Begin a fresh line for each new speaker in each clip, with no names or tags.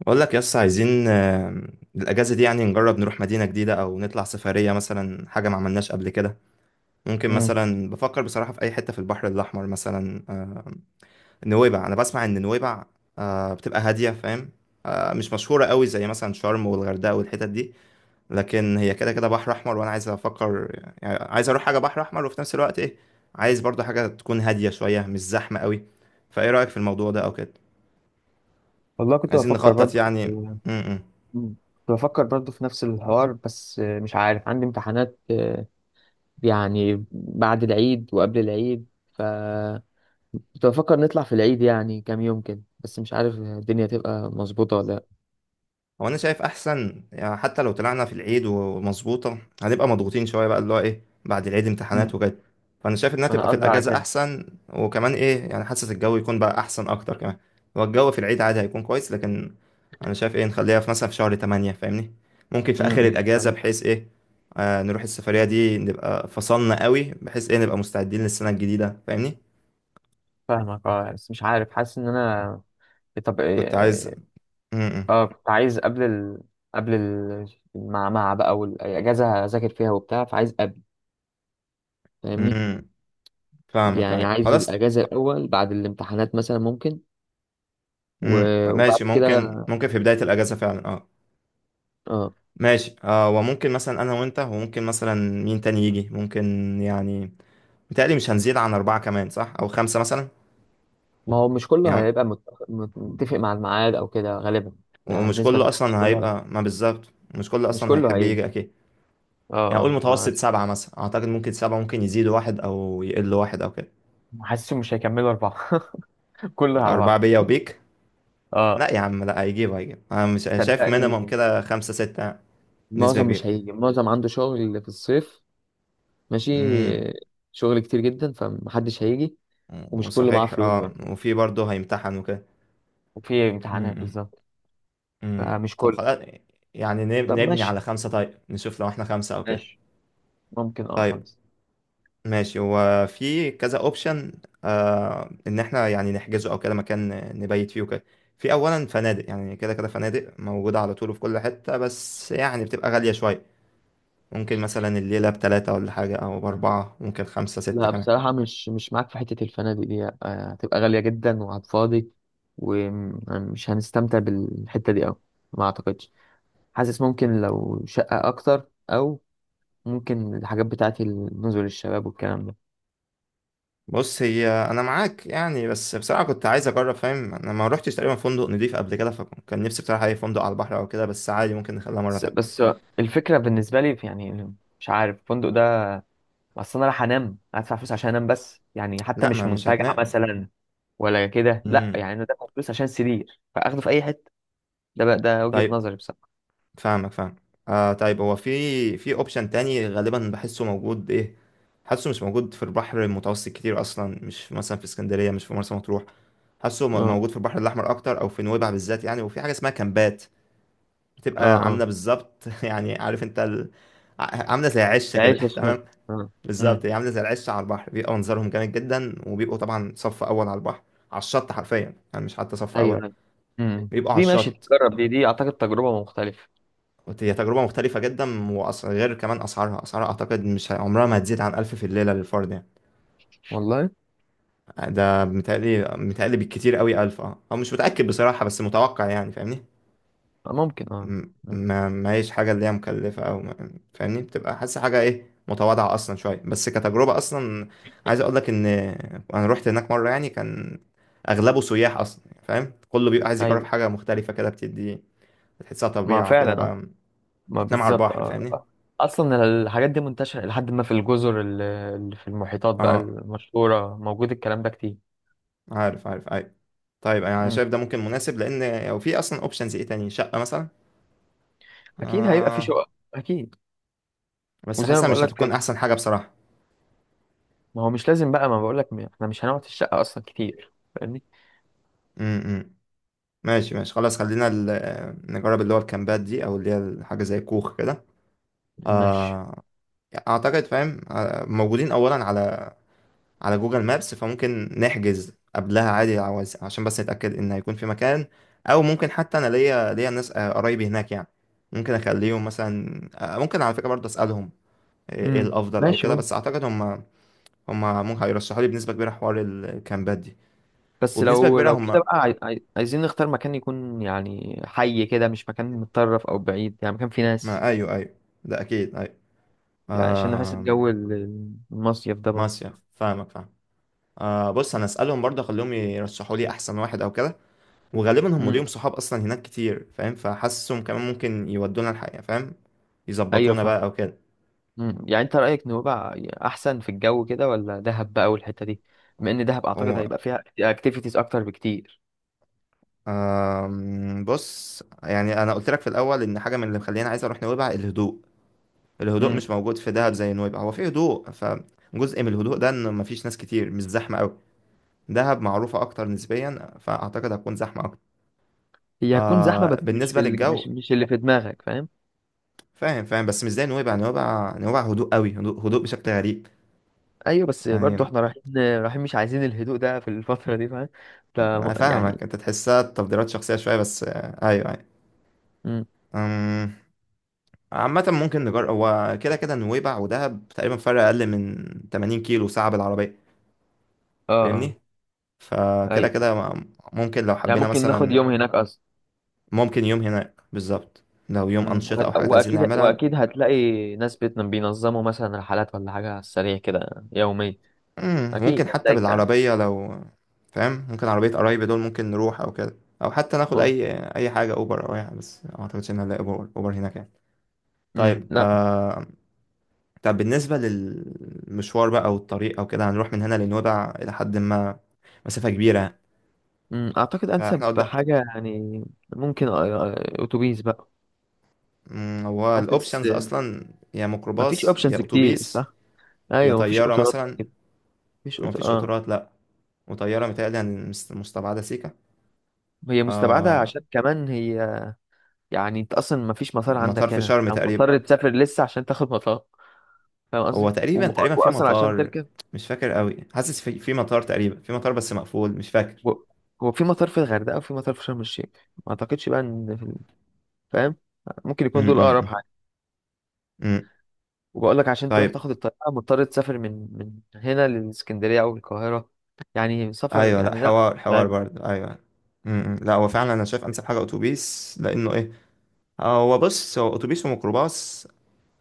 بقول لك يس عايزين، الأجازة دي يعني نجرب نروح مدينة جديدة أو نطلع سفرية مثلا، حاجة ما عملناش قبل كده. ممكن
مم.
مثلا بفكر بصراحة في أي حتة في البحر الأحمر مثلا. نويبع. أنا بسمع إن نويبع بتبقى هادية، فاهم؟ مش مشهورة قوي زي مثلا شرم والغردقة والحتت دي، لكن هي كده كده بحر أحمر وأنا عايز أفكر. يعني عايز أروح حاجة بحر أحمر وفي نفس الوقت إيه، عايز برضه حاجة تكون هادية شوية، مش زحمة قوي. فإيه رأيك في الموضوع ده أو كده؟
والله كنت
عايزين
بفكر
نخطط
برضه
يعني. م -م.
كنت بفكر برضه في نفس الحوار، بس مش عارف عندي امتحانات، يعني بعد العيد وقبل العيد. ف كنت بفكر نطلع في العيد، يعني كام يوم كده، بس مش عارف الدنيا تبقى مظبوطة ولا لا.
هو انا شايف احسن، يعني حتى لو طلعنا في العيد ومظبوطه، هنبقى مضغوطين شويه بقى، اللي هو ايه، بعد العيد امتحانات
مم.
وكده. فانا شايف انها تبقى
انا
في
قصدي على
الاجازه
كده.
احسن. وكمان ايه، يعني حاسس الجو يكون بقى احسن اكتر كمان. هو الجو في العيد عادي هيكون كويس، لكن انا شايف ايه، نخليها في مثلا في شهر 8، فاهمني؟ ممكن في اخر
امم
الاجازه
فاهم-
بحيث ايه، نروح السفريه دي، نبقى فصلنا قوي بحيث ايه، نبقى مستعدين للسنه الجديده فاهمني.
فاهمك اه، بس مش عارف، حاسس ان انا. طب
كنت عايز.
إيه- اه كنت عايز قبل ال... قبل ال... مع بقى والاجازه اذاكر فيها وبتاع، فعايز قبل، فاهمني.
امم فاهمك
يعني
أيوة.
عايز
خلاص.
الأجازة الأول بعد الامتحانات مثلا ممكن، وبعد
ماشي،
كده.
ممكن في بداية الأجازة فعلا، اه.
اه.
ماشي اه. وممكن مثلا أنا وأنت، وممكن مثلا مين تاني يجي ممكن. يعني متهيألي مش هنزيد عن أربعة، كمان صح؟ أو خمسة مثلا.
ما هو مش كله
يعني
هيبقى متفق مع الميعاد أو كده غالبا. يعني
ومش
بنسبة
كله
كبيرة مش
أصلا
كله
هيبقى، ما بالظبط مش كله
مش
أصلا
كله
هيحب
هيجي.
يجي، أكيد.
اه
يعني قول
اه آه،
متوسط سبعة مثلا، أعتقد ممكن سبعة، ممكن يزيدوا واحد أو يقلوا واحد أو كده.
حاسسهم مش هيكملوا أربعة كله على
أربعة
بعض
بيا وبيك؟
اه.
لا يا عم، لا، هيجيب أنا مش، أنا شايف مينيمم
صدقني
كده خمسة ستة. نسبة
معظم
كبيرة.
مش هيجي، معظم عنده شغل في الصيف. ماشي.
امم
شغل كتير جدا فمحدش هيجي، ومش كله معاه
وصحيح
فلوس
اه،
بقى.
وفي برضه هيمتحن وكده.
وفي امتحانات
مم.
بالظبط. فمش
طب
كله.
خلاص. يعني
طب
نبني
ماشي.
على خمسة، طيب نشوف لو احنا خمسة او كده.
ماشي، ممكن اه
طيب
خمسة.
ماشي. هو في كذا اوبشن. ان احنا يعني نحجزه او كده مكان نبيت فيه وكده. في اولا فنادق، يعني كده كده فنادق موجودة على طول في كل حتة، بس يعني بتبقى غالية شوية. ممكن مثلا الليلة بتلاتة ولا حاجة، او باربعة، ممكن خمسة ستة
لا
كمان.
بصراحة مش معاك في حتة الفنادق دي، هتبقى غالية جدا وهتفاضي، ومش هنستمتع بالحتة دي أوي. ما أعتقدش. حاسس ممكن لو شقة أكتر، أو ممكن الحاجات بتاعت نزل الشباب والكلام ده.
بص، هي انا معاك يعني، بس بصراحة كنت عايز اجرب، فاهم؟ انا ما روحتش تقريبا فندق نضيف قبل كده، فكان نفسي بصراحة اي فندق على البحر او كده بس، عادي ممكن نخليها مرة
بس,
تانية.
بس الفكرة بالنسبة لي يعني مش عارف الفندق ده. أصل أنا رايح أنام، هدفع فلوس عشان أنام بس، يعني حتى
لا،
مش
ما مش
منتجع
هتنام.
مثلا ولا كده. لا
امم
يعني أنا دافع فلوس عشان سرير فأخده في أي حتة. ده بقى ده وجهة
طيب،
نظري بصراحة.
فاهمك فاهم. طيب، هو في اوبشن تاني غالبا بحسه موجود، ايه حاسه مش موجود في البحر المتوسط كتير اصلا. مش مثلا في اسكندريه، مش في مرسى مطروح. حاسه
اه
موجود في البحر الاحمر اكتر، او في نويبع بالذات يعني. وفي حاجه اسمها كامبات،
اه
بتبقى عامله
اه
بالظبط يعني عارف انت ال. عامله زي عشه كده
العيش الشمال
تمام؟
اه. امم
بالظبط. هي عامله زي العشه على البحر، بيبقى منظرهم جامد جدا وبيبقوا طبعا صف اول على البحر، على الشط حرفيا يعني، مش حتى صف
ايوه
اول.
أيوة.
بيبقوا على
دي ماشي
الشط.
تجرب، دي اعتقد تجربة مختلفة.
هي تجربة مختلفة جدا وأص. غير كمان أسعارها. أسعارها أعتقد مش عمرها ما هتزيد عن ألف في الليلة للفرد يعني.
والله،
ده متهيألي بالكتير قوي ألف، أه، أو مش متأكد بصراحة بس متوقع يعني، فاهمني.
ممكن اه.
م-
مم.
ما ما هيش حاجة اللي هي مكلفة أو ما. فاهمني؟ بتبقى حاسس حاجة إيه، متواضعة أصلا شوية بس كتجربة أصلا. عايز أقول لك إن أنا روحت هناك مرة يعني، كان أغلبه سياح أصلا يعني، فاهم؟ كله بيبقى عايز يجرب
ايوه.
حاجة مختلفة كده، بتدي بتحسها
ما
طبيعة
فعلا
كده
اه.
بقى.
ما
بتنام على
بالظبط
البحر، فاهمني.
اه. اصلا الحاجات دي منتشره لحد ما في الجزر اللي في المحيطات بقى
أه،
المشهوره، موجود الكلام ده كتير.
عارف عارف، أيوة. طيب انا
مم.
شايف ده ممكن مناسب، لان لو في اصلا اوبشنز ايه تاني، شقه مثلا.
اكيد هيبقى في
آه
شقق اكيد.
بس
وزي ما
حاسسها
بقول
مش
لك في
هتكون احسن حاجه بصراحه.
ما هو مش لازم بقى، ما بقول لك احنا مش هنقعد في الشقه اصلا كتير فاهمني.
امم ماشي ماشي خلاص. خلينا نجرب اللي هو الكامبات دي، او اللي هي حاجه زي كوخ كده.
ماشي.
آه، اعتقد فاهم، موجودين اولا على جوجل مابس فممكن نحجز قبلها عادي، عشان بس نتاكد ان هيكون في مكان. او ممكن حتى انا ليا ناس، قرايبي هناك يعني. ممكن اخليهم مثلا، ممكن على فكره برضه اسالهم إيه الافضل او
ماشي
كده.
ممكن.
بس اعتقد هم ممكن هيرشحوا لي بنسبة كبيرة حوار الكامبات دي.
بس
وبنسبة
لو
كبيرة
كده
هم،
بقى، عايزين نختار مكان يكون يعني حي كده، مش مكان متطرف او بعيد، يعني مكان فيه ناس.
ما أيوه أيوه، ده أكيد أيوه.
يعني عشان نحس
آه...
الجو المصيف ده برضه.
ماشية، فاهمك فاهم. آه بص أنا أسألهم برضه، أخليهم يرشحوا لي أحسن واحد أو كده. وغالبا هم
امم
ليهم صحاب أصلا هناك كتير، فاهم؟ فحاسسهم كمان ممكن يودونا الحقيقة، فاهم؟
ايوه
يظبطونا
فاهم.
بقى أو كده.
يعني انت رايك نوبة احسن في الجو كده، ولا دهب بقى والحته دي؟ بما ان دهب اعتقد
هو
هيبقى فيها اكتيفيتيز اكتر بكتير.
بص يعني، أنا قلت لك في الأول إن حاجة من اللي مخليني عايز أروح نويبع الهدوء. الهدوء
امم
مش موجود في دهب زي نويبع. هو في هدوء، جزء من الهدوء ده ان مفيش ناس كتير، مش زحمه قوي. دهب معروفة أكتر نسبيا، فأعتقد هتكون زحمة أكتر.
هي هتكون زحمه، بس
آه
مش
بالنسبة
في ال...
للجو،
مش اللي في دماغك فاهم.
فاهم فاهم، بس مش زي نويبع. نويبع هدوء قوي، هدوء هدوء بشكل غريب.
ايوه، بس برضه
يعني
احنا رايحين، رايحين مش عايزين الهدوء ده في الفتره دي فاهم. ف
أنا فاهمك،
يعني
أنت تحسها تفضيلات شخصية شوية، بس آه، أيوه أيوه.
امم
أم، عامة ممكن نجرب. هو كده كده نويبع ودهب تقريبا فرق أقل من 80 كيلو ساعة بالعربية،
اه آه.
فاهمني. فكده
ايوه.
كده ممكن لو
يعني
حبينا
ممكن ناخد
مثلا.
يوم هناك اصلا.
ممكن يوم هناك بالظبط، لو يوم أنشطة أو حاجات عايزين
واكيد
نعملها.
واكيد هتلاقي ناس بينظموا مثلا رحلات ولا حاجه على السريع كده يوميا. اكيد
ممكن حتى
هتلاقي كان.
بالعربية لو، فاهم؟ ممكن عربية قرايبي دول ممكن نروح أو كده. أو حتى ناخد أي حاجة، أوبر أو أي حاجة، بس ما أعتقدش إن هنلاقي أوبر. أوبر هناك يعني؟ طيب.
لا.
طب بالنسبة للمشوار بقى أو الطريق أو كده، هنروح من هنا لنويبع إلى حد ما مسافة كبيرة.
اعتقد
فإحنا
انسب
قدام
حاجه يعني ممكن اتوبيس بقى.
هو
حاسس
الأوبشنز أصلا يا
مفيش
ميكروباص يا
اوبشنز كتير
أتوبيس
صح.
يا
ايوه مفيش
طيارة
قطارات
مثلا.
كده. مفيش قطار
مفيش
اه.
قطارات لأ. وطيارة متهيألي مستبعدة سيكا.
هي مستبعده
آه...
عشان كمان هي. يعني انت اصلا مفيش مطار
مطار
عندك
في
هنا،
شرم
او
تقريبا.
مضطر تسافر لسه عشان تاخد مطار. فاهم
هو
قصدي.
تقريبا تقريبا في
واصلا عشان
مطار.
تركب.
مش فاكر قوي. حاسس في مطار، تقريبا في مطار بس مقفول، مش فاكر.
و- هو في مطار في الغردقة وفي مطار في شرم الشيخ. ما اعتقدش بقى ان في فاهم. ممكن يكون دول اقرب
امم
حاجة.
امم
وبقول لك عشان تروح
طيب.
تاخد الطيارة مضطر تسافر من هنا للإسكندرية او القاهرة، يعني سفر
ايوه، لا،
يعني لا،
حوار حوار
تعب.
برضه، ايوه. لا، هو فعلا انا شايف انسب حاجه اتوبيس، لانه ايه، هو بص، هو اتوبيس وميكروباص.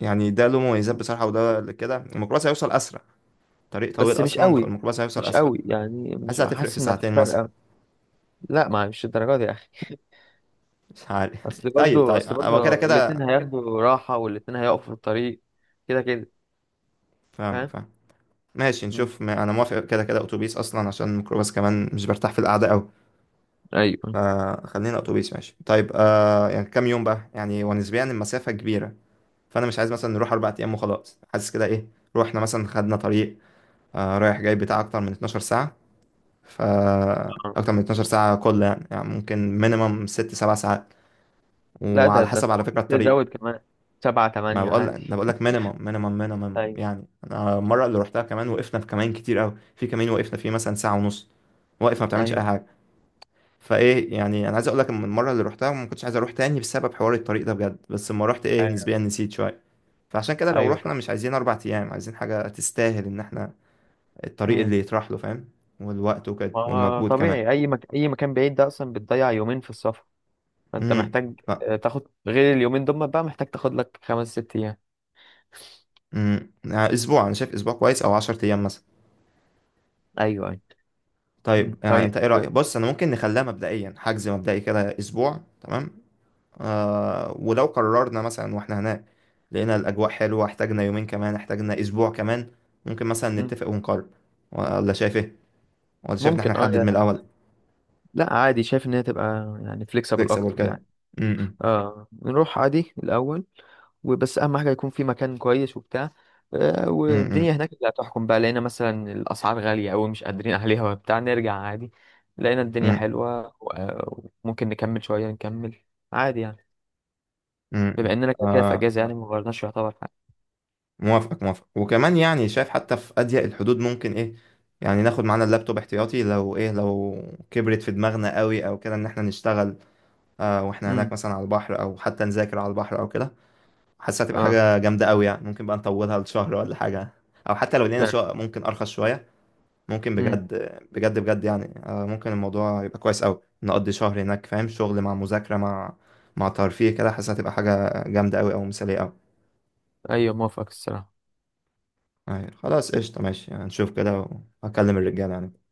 يعني ده له مميزات بصراحه، وده اللي كده، الميكروباص هيوصل اسرع. طريق طويل
بس مش
اصلا،
قوي.
فالميكروباص هيوصل
مش
اسرع.
قوي يعني،
حاسس
مش
هتفرق في
حاسس ان مفيش
ساعتين
فرق
مثلا.
أوي. لا، ما مش الدرجة دي يا اخي
مش عارف
اصل
طيب
برضو
طيب
اصل
هو
برضو
كده كده.
الاتنين هياخدوا راحة، والاتنين هيقفوا في الطريق، كده كده.
فاهمك
فاهم.
فاهم. ماشي
مم.
نشوف. ما انا موافق كده كده اتوبيس اصلا، عشان الميكروباص كمان مش برتاح في القعده قوي.
ايوه.
خلينا اتوبيس ماشي. طيب يعني كام يوم بقى يعني؟ ونسبيا المسافه كبيره، فانا مش عايز مثلا نروح اربع ايام وخلاص. حاسس كده ايه، روحنا مثلا، خدنا طريق رايح جاي بتاع اكتر من 12 ساعه. ف اكتر من 12 ساعه كل يعني, يعني ممكن مينيمم ست سبع ساعات.
لا، ده
وعلى
ده انت
حسب على فكره
ممكن
الطريق.
تزود كمان سبعة
ما
تمانية
بقول،
عادي.
انا بقول لك مينيمم مينيمم مينيمم
ايوه
يعني. انا المره اللي روحتها كمان، وقفنا في كمان كتير قوي، في كمين وقفنا فيه مثلا ساعه ونص، واقف ما بتعملش اي
ايوه.
حاجه. فايه يعني، انا عايز اقول لك، من المره اللي روحتها ما كنتش عايز اروح تاني بسبب حوار الطريق ده بجد، بس لما رحت ايه،
أي-
نسبيا نسيت شويه. فعشان كده لو
ايوه
رحنا،
فاهم.
مش عايزين اربع ايام، عايزين حاجه تستاهل ان احنا الطريق
امم
اللي يطرح له، فاهم؟ والوقت وكده
ما هو
والمجهود كمان.
طبيعي، اي اي مكان بعيد ده اصلا بتضيع يومين في السفر. فانت
امم
محتاج
ف
تاخد غير اليومين دول بقى، محتاج تاخد لك خمس ست ايام.
يعني اسبوع، انا شايف اسبوع كويس، او 10 ايام مثلا.
ايوه ايوه. مم.
طيب يعني
طيب.
انت ايه رايك؟ بص انا ممكن نخليها مبدئيا حجز مبدئي كده اسبوع، تمام؟ آه، ولو قررنا مثلا واحنا هناك لقينا الأجواء حلوة، احتاجنا يومين كمان، احتاجنا أسبوع كمان، ممكن مثلا
مم.
نتفق ونقرر. ولا شايف ايه؟ ولا شايف إن احنا
ممكن اه
نحدد من الأول؟
لا عادي. شايف ان هي تبقى يعني فليكسبل
فليكسيبل
اكتر
كده.
يعني.
م- م-
اه، نروح عادي الأول، وبس أهم حاجة يكون في مكان كويس وبتاع. والدنيا
م-
هناك اللي هتحكم بقى. لقينا مثلا الأسعار غالية أوي مش قادرين أهليها وبتاع، نرجع عادي. لقينا الدنيا
م-
حلوة، وممكن نكمل شوية، نكمل عادي يعني.
م-
بما
م.
إننا كده كده في
آه،
أجازة، يعني مغيرناش يعتبر حاجة.
موافقك موافق. وكمان يعني، شايف حتى في أضيق الحدود ممكن ايه، يعني ناخد معانا اللابتوب احتياطي، لو ايه، لو كبرت في دماغنا قوي او كده ان احنا نشتغل آه واحنا هناك
امم
مثلا على البحر، او حتى نذاكر على البحر او كده. حاسس هتبقى
اه
حاجة جامدة قوي يعني، ممكن بقى نطولها لشهر ولا حاجة. أو حتى لو لقينا
فعلا.
شقق ممكن أرخص شوية، ممكن
امم
بجد بجد بجد يعني، ممكن الموضوع يبقى كويس قوي، نقضي شهر هناك، فاهم؟ شغل مع مذاكرة مع ترفيه كده. حاسس هتبقى حاجة جامدة قوي، أو مثالية قوي.
أيوة موافق الصراحة.
خلاص قشطة ماشي، هنشوف كده. وهكلم الرجالة يعني.